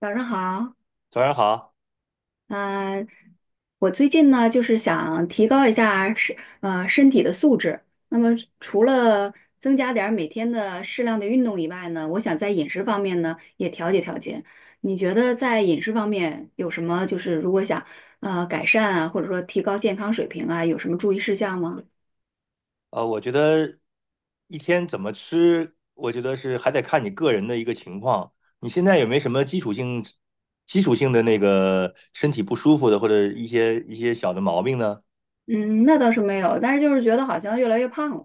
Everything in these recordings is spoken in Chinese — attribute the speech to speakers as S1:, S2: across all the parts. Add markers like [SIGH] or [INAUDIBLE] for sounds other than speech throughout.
S1: 早上好，
S2: 早上好，
S1: 嗯、我最近呢就是想提高一下身体的素质。那么除了增加点儿每天的适量的运动以外呢，我想在饮食方面呢也调节调节。你觉得在饮食方面有什么就是如果想改善啊，或者说提高健康水平啊，有什么注意事项吗？
S2: 我觉得一天怎么吃，我觉得是还得看你个人的一个情况。你现在有没有什么基础性的那个身体不舒服的，或者一些小的毛病呢？
S1: 嗯，那倒是没有，但是就是觉得好像越来越胖了。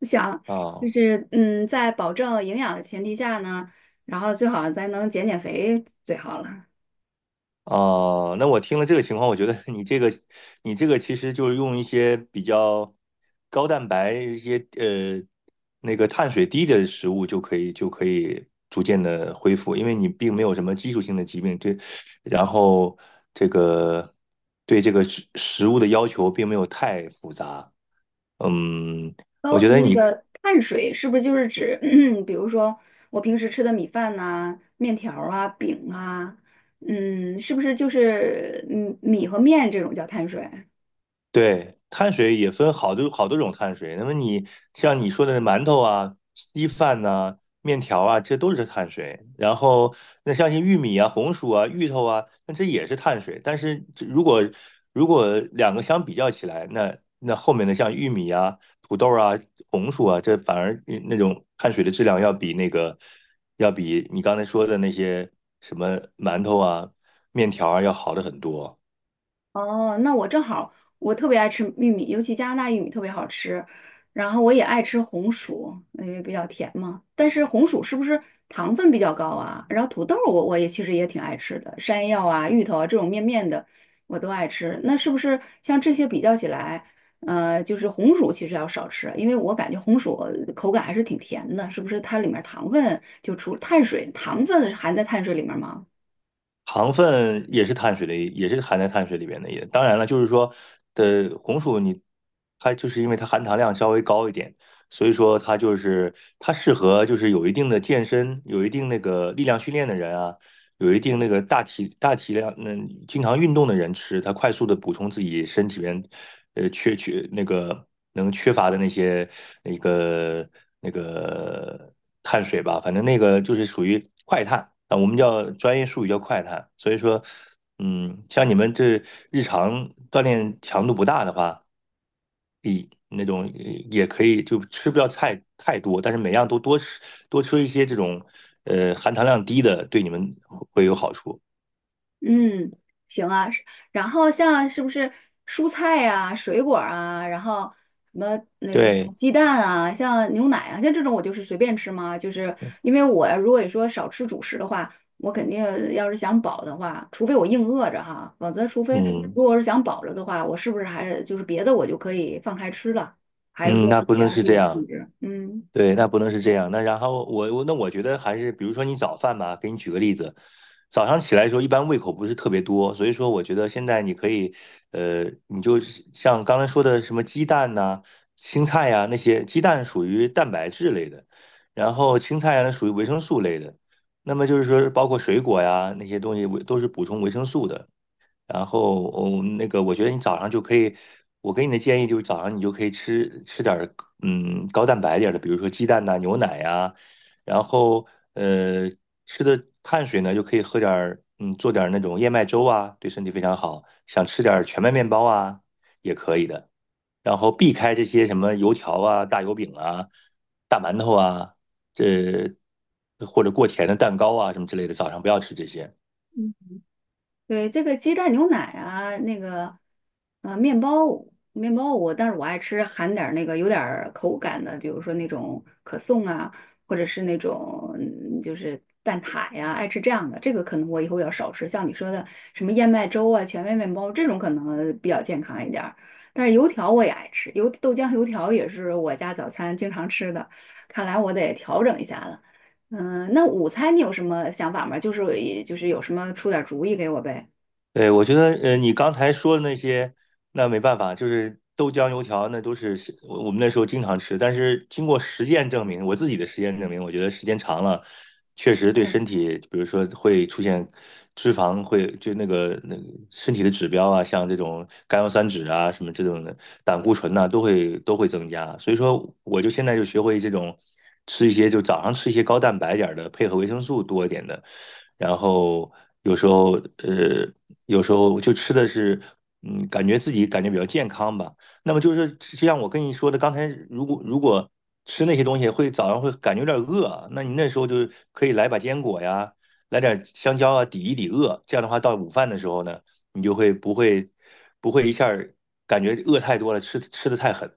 S1: 我想就
S2: 啊、
S1: 是嗯，在保证营养的前提下呢，然后最好咱能减减肥最好了。
S2: 哦，那我听了这个情况，我觉得 [LAUGHS] 你这个其实就是用一些比较高蛋白、一些那个碳水低的食物就可以，逐渐的恢复，因为你并没有什么基础性的疾病，对，然后这个对这个食物的要求并没有太复杂，嗯，我
S1: 高
S2: 觉得
S1: 嗯那
S2: 你
S1: 个碳水是不是就是指，[CLEARS THROAT] 比如说我平时吃的米饭呐、面条儿啊、饼啊，嗯，是不是就是嗯米和面这种叫碳水？
S2: 对，碳水也分好多好多种碳水。那么像你说的馒头啊、稀饭呐、面条啊，这都是碳水。然后那像些玉米啊、红薯啊、芋头啊，那这也是碳水。但是这如果两个相比较起来，那后面的像玉米啊、土豆啊、红薯啊，这反而那种碳水的质量要比你刚才说的那些什么馒头啊、面条啊要好的很多。
S1: 哦，那我正好，我特别爱吃玉米，尤其加拿大玉米特别好吃。然后我也爱吃红薯，因为比较甜嘛。但是红薯是不是糖分比较高啊？然后土豆我也其实也挺爱吃的，山药啊、芋头啊这种面面的我都爱吃。那是不是像这些比较起来，就是红薯其实要少吃，因为我感觉红薯口感还是挺甜的，是不是它里面糖分就除碳水，糖分含在碳水里面吗？
S2: 糖分也是碳水的一也是含在碳水里边的一。也当然了，就是说，的红薯你它就是因为它含糖量稍微高一点，所以说它适合就是有一定的健身、有一定那个力量训练的人啊，有一定那个大体量，那经常运动的人吃，他快速的补充自己身体里边，呃，缺缺那个缺乏的那些那个那个碳水吧，反正那个就是属于快碳啊，我们叫专业术语叫快碳。所以说，像你们这日常锻炼强度不大的话，那种也可以，就吃不要太多，但是每样都多吃一些这种含糖量低的，对你们会有好处。
S1: 嗯，行啊。是然后像是不是蔬菜啊、水果啊，然后什么那个
S2: 对，
S1: 鸡蛋啊，像牛奶啊，像这种我就是随便吃吗？就是因为我如果说少吃主食的话，我肯定要是想饱的话，除非我硬饿着哈，否则除非
S2: 嗯
S1: 如果是想饱了的话，我是不是还是就是别的我就可以放开吃了？还是
S2: 嗯，
S1: 说
S2: 那不
S1: 也
S2: 能
S1: 要
S2: 是
S1: 注
S2: 这
S1: 意控
S2: 样，
S1: 制？嗯。
S2: 对，那不能是这样。那然后我觉得还是，比如说你早饭吧，给你举个例子，早上起来的时候一般胃口不是特别多，所以说我觉得现在你可以，你就是像刚才说的什么鸡蛋呐、青菜呀、那些，鸡蛋属于蛋白质类的，然后青菜呀、那属于维生素类的，那么就是说包括水果呀那些东西都是补充维生素的。然后，哦，那个，我觉得你早上就可以，我给你的建议就是早上你就可以吃点儿，高蛋白点儿的，比如说鸡蛋呐、牛奶呀、然后，呃，吃的碳水呢就可以喝点儿，做点儿那种燕麦粥啊，对身体非常好。想吃点儿全麦面包啊，也可以的。然后避开这些什么油条啊、大油饼啊、大馒头啊，这或者过甜的蛋糕啊什么之类的，早上不要吃这些。
S1: 对，这个鸡蛋牛奶啊，那个，面包，面包我，但是我爱吃含点儿那个有点儿口感的，比如说那种可颂啊，或者是那种嗯就是蛋挞呀，爱吃这样的。这个可能我以后要少吃，像你说的什么燕麦粥啊、全麦面包这种可能比较健康一点儿但是油条我也爱吃，油豆浆油条也是我家早餐经常吃的，看来我得调整一下了。嗯，那午餐你有什么想法吗？就是就是有什么出点儿主意给我呗。
S2: 对，我觉得，你刚才说的那些，那没办法，就是豆浆油条，那都是我们那时候经常吃。但是经过实践证明，我自己的实践证明，我觉得时间长了，确实对身体，比如说会出现脂肪会就那个那个身体的指标啊，像这种甘油三酯啊，什么这种的胆固醇呐、都会增加。所以说，我就现在就学会这种吃一些，就早上吃一些高蛋白点儿的，配合维生素多一点的。然后有时候呃有时候就吃的是，感觉比较健康吧。那么就像我跟你说的，刚才如果吃那些东西早上会感觉有点饿啊，那你那时候就是可以来把坚果呀，来点香蕉啊，抵一抵饿。这样的话，到午饭的时候呢，你就不会一下儿感觉饿太多了，吃的太狠。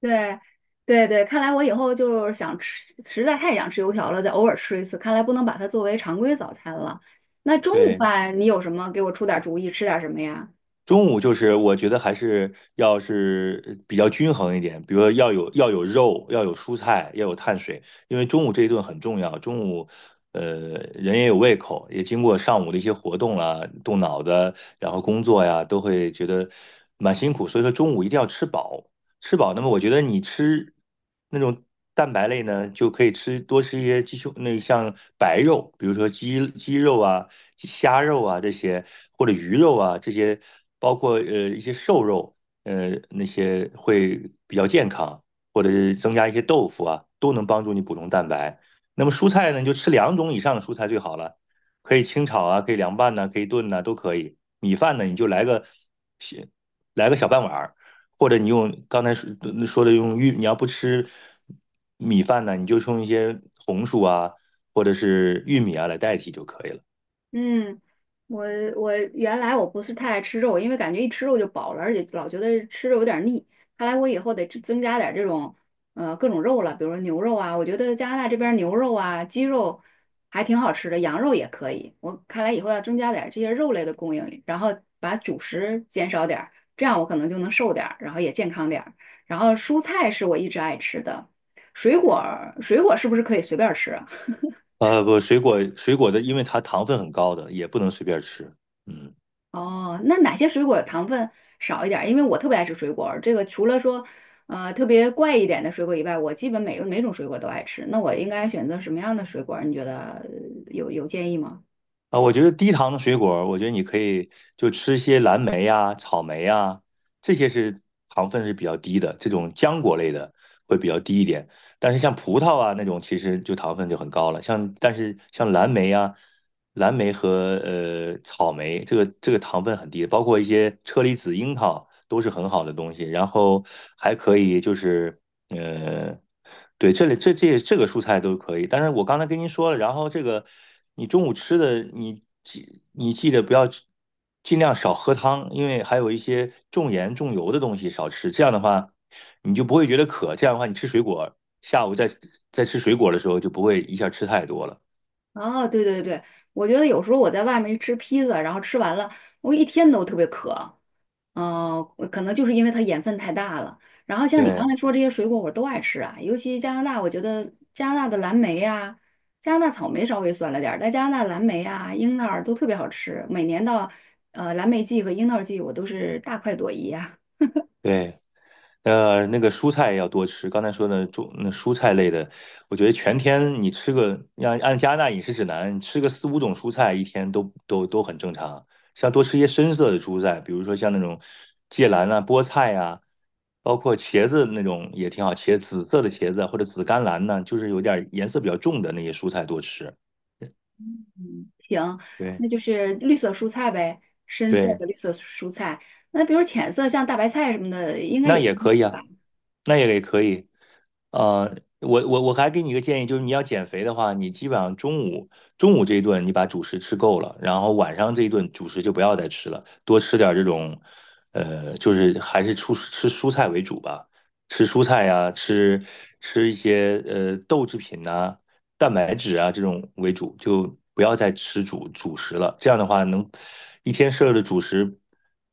S1: 对，对对，看来我以后就是想吃，实在太想吃油条了，再偶尔吃一次。看来不能把它作为常规早餐了。那中午
S2: 对，
S1: 饭你有什么？给我出点主意，吃点什么呀？
S2: 中午就是我觉得还是要是比较均衡一点，比如说要有肉，要有蔬菜，要有碳水，因为中午这一顿很重要。中午，呃，人也有胃口，也经过上午的一些活动啦、动脑子，然后工作呀，都会觉得蛮辛苦。所以说中午一定要吃饱，吃饱。那么我觉得你吃那种蛋白类呢，就可以多吃一些鸡胸，那像白肉，比如说鸡肉啊。虾肉啊这些，或者鱼肉啊这些，包括一些瘦肉，那些会比较健康，或者是增加一些豆腐啊，都能帮助你补充蛋白。那么蔬菜呢，你就吃两种以上的蔬菜最好了，可以清炒啊，可以凉拌呐、可以炖呐、都可以。米饭呢，你就来个小半碗儿，或者你用刚才说的你要不吃米饭呢，你就用一些红薯啊，或者是玉米啊来代替就可以了。
S1: 嗯，我我原来我不是太爱吃肉，因为感觉一吃肉就饱了，而且老觉得吃肉有点腻。看来我以后得增加点这种各种肉了，比如说牛肉啊，我觉得加拿大这边牛肉啊、鸡肉还挺好吃的，羊肉也可以。我看来以后要增加点这些肉类的供应，然后把主食减少点儿，这样我可能就能瘦点儿，然后也健康点儿。然后蔬菜是我一直爱吃的，水果是不是可以随便儿吃啊？
S2: 不，水果的，因为它糖分很高的，也不能随便吃。嗯，
S1: 哦，那哪些水果糖分少一点儿因为我特别爱吃水果儿这个除了说，特别怪一点的水果以外，我基本每个每种水果都爱吃。那我应该选择什么样的水果儿你觉得有建议吗？
S2: 啊，我觉得低糖的水果我觉得你可以就吃一些蓝莓呀、草莓呀，这些是糖分是比较低的，这种浆果类的会比较低一点。但是像葡萄啊那种，其实就糖分就很高了。但是像蓝莓和草莓，这个糖分很低的包括一些车厘子、樱桃都是很好的东西。然后还可以就是。呃，对，这里这个蔬菜都可以，但是我刚才跟您说了，然后这个你中午吃的，你记得不要尽量少喝汤，因为还有一些重盐重油的东西少吃，这样的话你就不会觉得渴，这样的话你吃水果，下午再吃水果的时候就不会一下吃太多了。
S1: 哦，对对对，我觉得有时候我在外面一吃披萨，然后吃完了，我一天都特别渴，哦，可能就是因为它盐分太大了。然后像你刚
S2: 对
S1: 才说这些水果，我都爱吃啊，尤其加拿大，我觉得加拿大的蓝莓呀、加拿大草莓稍微酸了点儿，但加拿大蓝莓啊、樱桃儿都特别好吃。每年到蓝莓季和樱桃季，我都是大快朵颐啊。
S2: 对。那个蔬菜要多吃。刚才说的那蔬菜类的，我觉得全天你吃个，按加拿大饮食指南，你吃个四五种蔬菜一天都很正常。像多吃一些深色的蔬菜，比如说像那种芥蓝啊、菠菜啊，包括茄子那种也挺好，紫色的茄子啊或者紫甘蓝呢，就是有点颜色比较重的那些蔬菜多吃。
S1: [LAUGHS] 行，
S2: 对
S1: 那就是绿色蔬菜呗，深色
S2: 对，
S1: 的绿色蔬菜。那比如浅色像大白菜什么的，应该
S2: 那
S1: 也挺
S2: 也
S1: 好
S2: 可以
S1: 的
S2: 啊，
S1: 吧。
S2: 那也可以。我还给你一个建议，就是你要减肥的话，你基本上中午这一顿你把主食吃够了，然后晚上这一顿主食就不要再吃了，多吃点儿这种，就是还是吃蔬菜为主吧，吃蔬菜呀、吃一些豆制品呐、蛋白质啊这种为主，就不要再吃主食了。这样的话，能一天摄入的主食，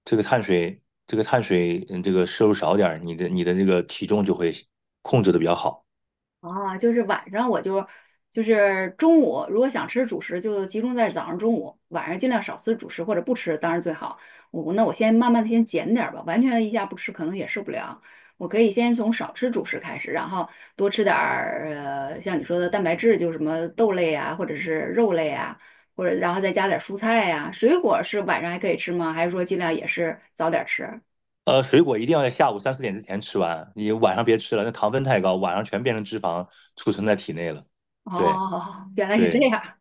S2: 这个碳水，这个摄入少点儿，你的那个体重就会控制的比较好。
S1: 啊，就是晚上我就就是中午，如果想吃主食，就集中在早上、中午，晚上尽量少吃主食或者不吃，当然最好。我那我先慢慢的先减点儿吧，完全一下不吃可能也受不了。我可以先从少吃主食开始，然后多吃点儿像你说的蛋白质，就是什么豆类啊，或者是肉类啊，或者然后再加点儿蔬菜呀、水果是晚上还可以吃吗？还是说尽量也是早点儿吃？
S2: 水果一定要在下午3、4点之前吃完，你晚上别吃了，那糖分太高，晚上全变成脂肪储存在体内了。对
S1: 哦，[LAUGHS] 原来是这
S2: 对，
S1: 样。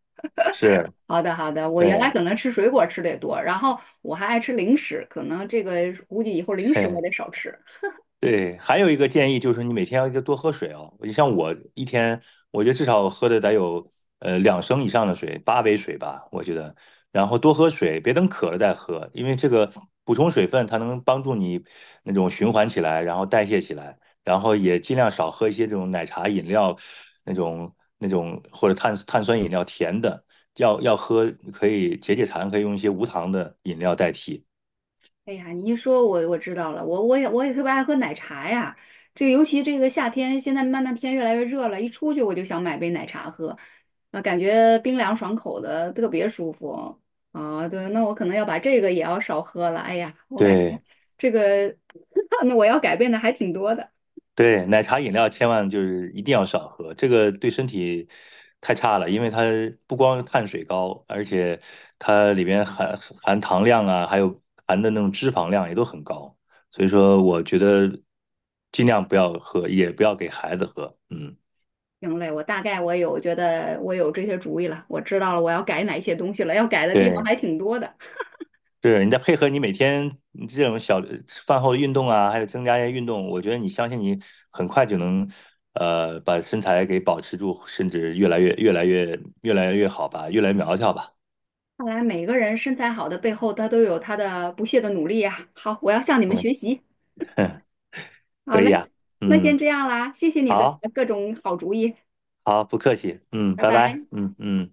S2: 是，
S1: 好的，好的。我原来
S2: 对，
S1: 可能吃水果吃的也多，然后我还爱吃零食，可能这个估计以后
S2: [LAUGHS]
S1: 零食我
S2: 嘿。
S1: 得少吃。
S2: 对，还有一个建议就是你每天要多喝水哦。你像我一天，我觉得至少喝的得有2升以上的水，8杯水吧，我觉得。然后多喝水，别等渴了再喝，因为这个补充水分，它能帮助你那种循环起来，然后代谢起来。然后也尽量少喝一些这种奶茶饮料，那种那种或者碳酸饮料甜的，要喝可以解馋，可以用一些无糖的饮料代替。
S1: 哎呀，你一说我知道了，我我也我也特别爱喝奶茶呀。这尤其这个夏天，现在慢慢天越来越热了，一出去我就想买杯奶茶喝，啊，感觉冰凉爽口的，特别舒服。啊，对，那我可能要把这个也要少喝了。哎呀，我感觉
S2: 对。
S1: 这个 [LAUGHS] 那我要改变的还挺多的。
S2: 对，奶茶饮料千万就是一定要少喝，这个对身体太差了，因为它不光碳水高，而且它里边含糖量啊，还有含的那种脂肪量也都很高，所以说我觉得尽量不要喝，也不要给孩子喝。嗯，
S1: 行嘞，我大概觉得我有这些主意了，我知道了我要改哪些东西了，要改的地方
S2: 对，
S1: 还挺多的。
S2: 是你再配合你每天这种小饭后的运动啊，还有增加一些运动，我觉得你相信你很快就能，把身材给保持住，甚至越来越好吧，越来越苗条吧。
S1: 看来每个人身材好的背后，他都有他的不懈的努力呀、好，我要向你们
S2: 嗯，
S1: 学习。
S2: [LAUGHS]
S1: 好
S2: 可
S1: 嘞，
S2: 以啊。
S1: 那
S2: 嗯，
S1: 先这样啦，谢谢你的
S2: 好，
S1: 各种好主意，
S2: 好，不客气。嗯，
S1: 拜
S2: 拜拜。
S1: 拜。
S2: 嗯嗯。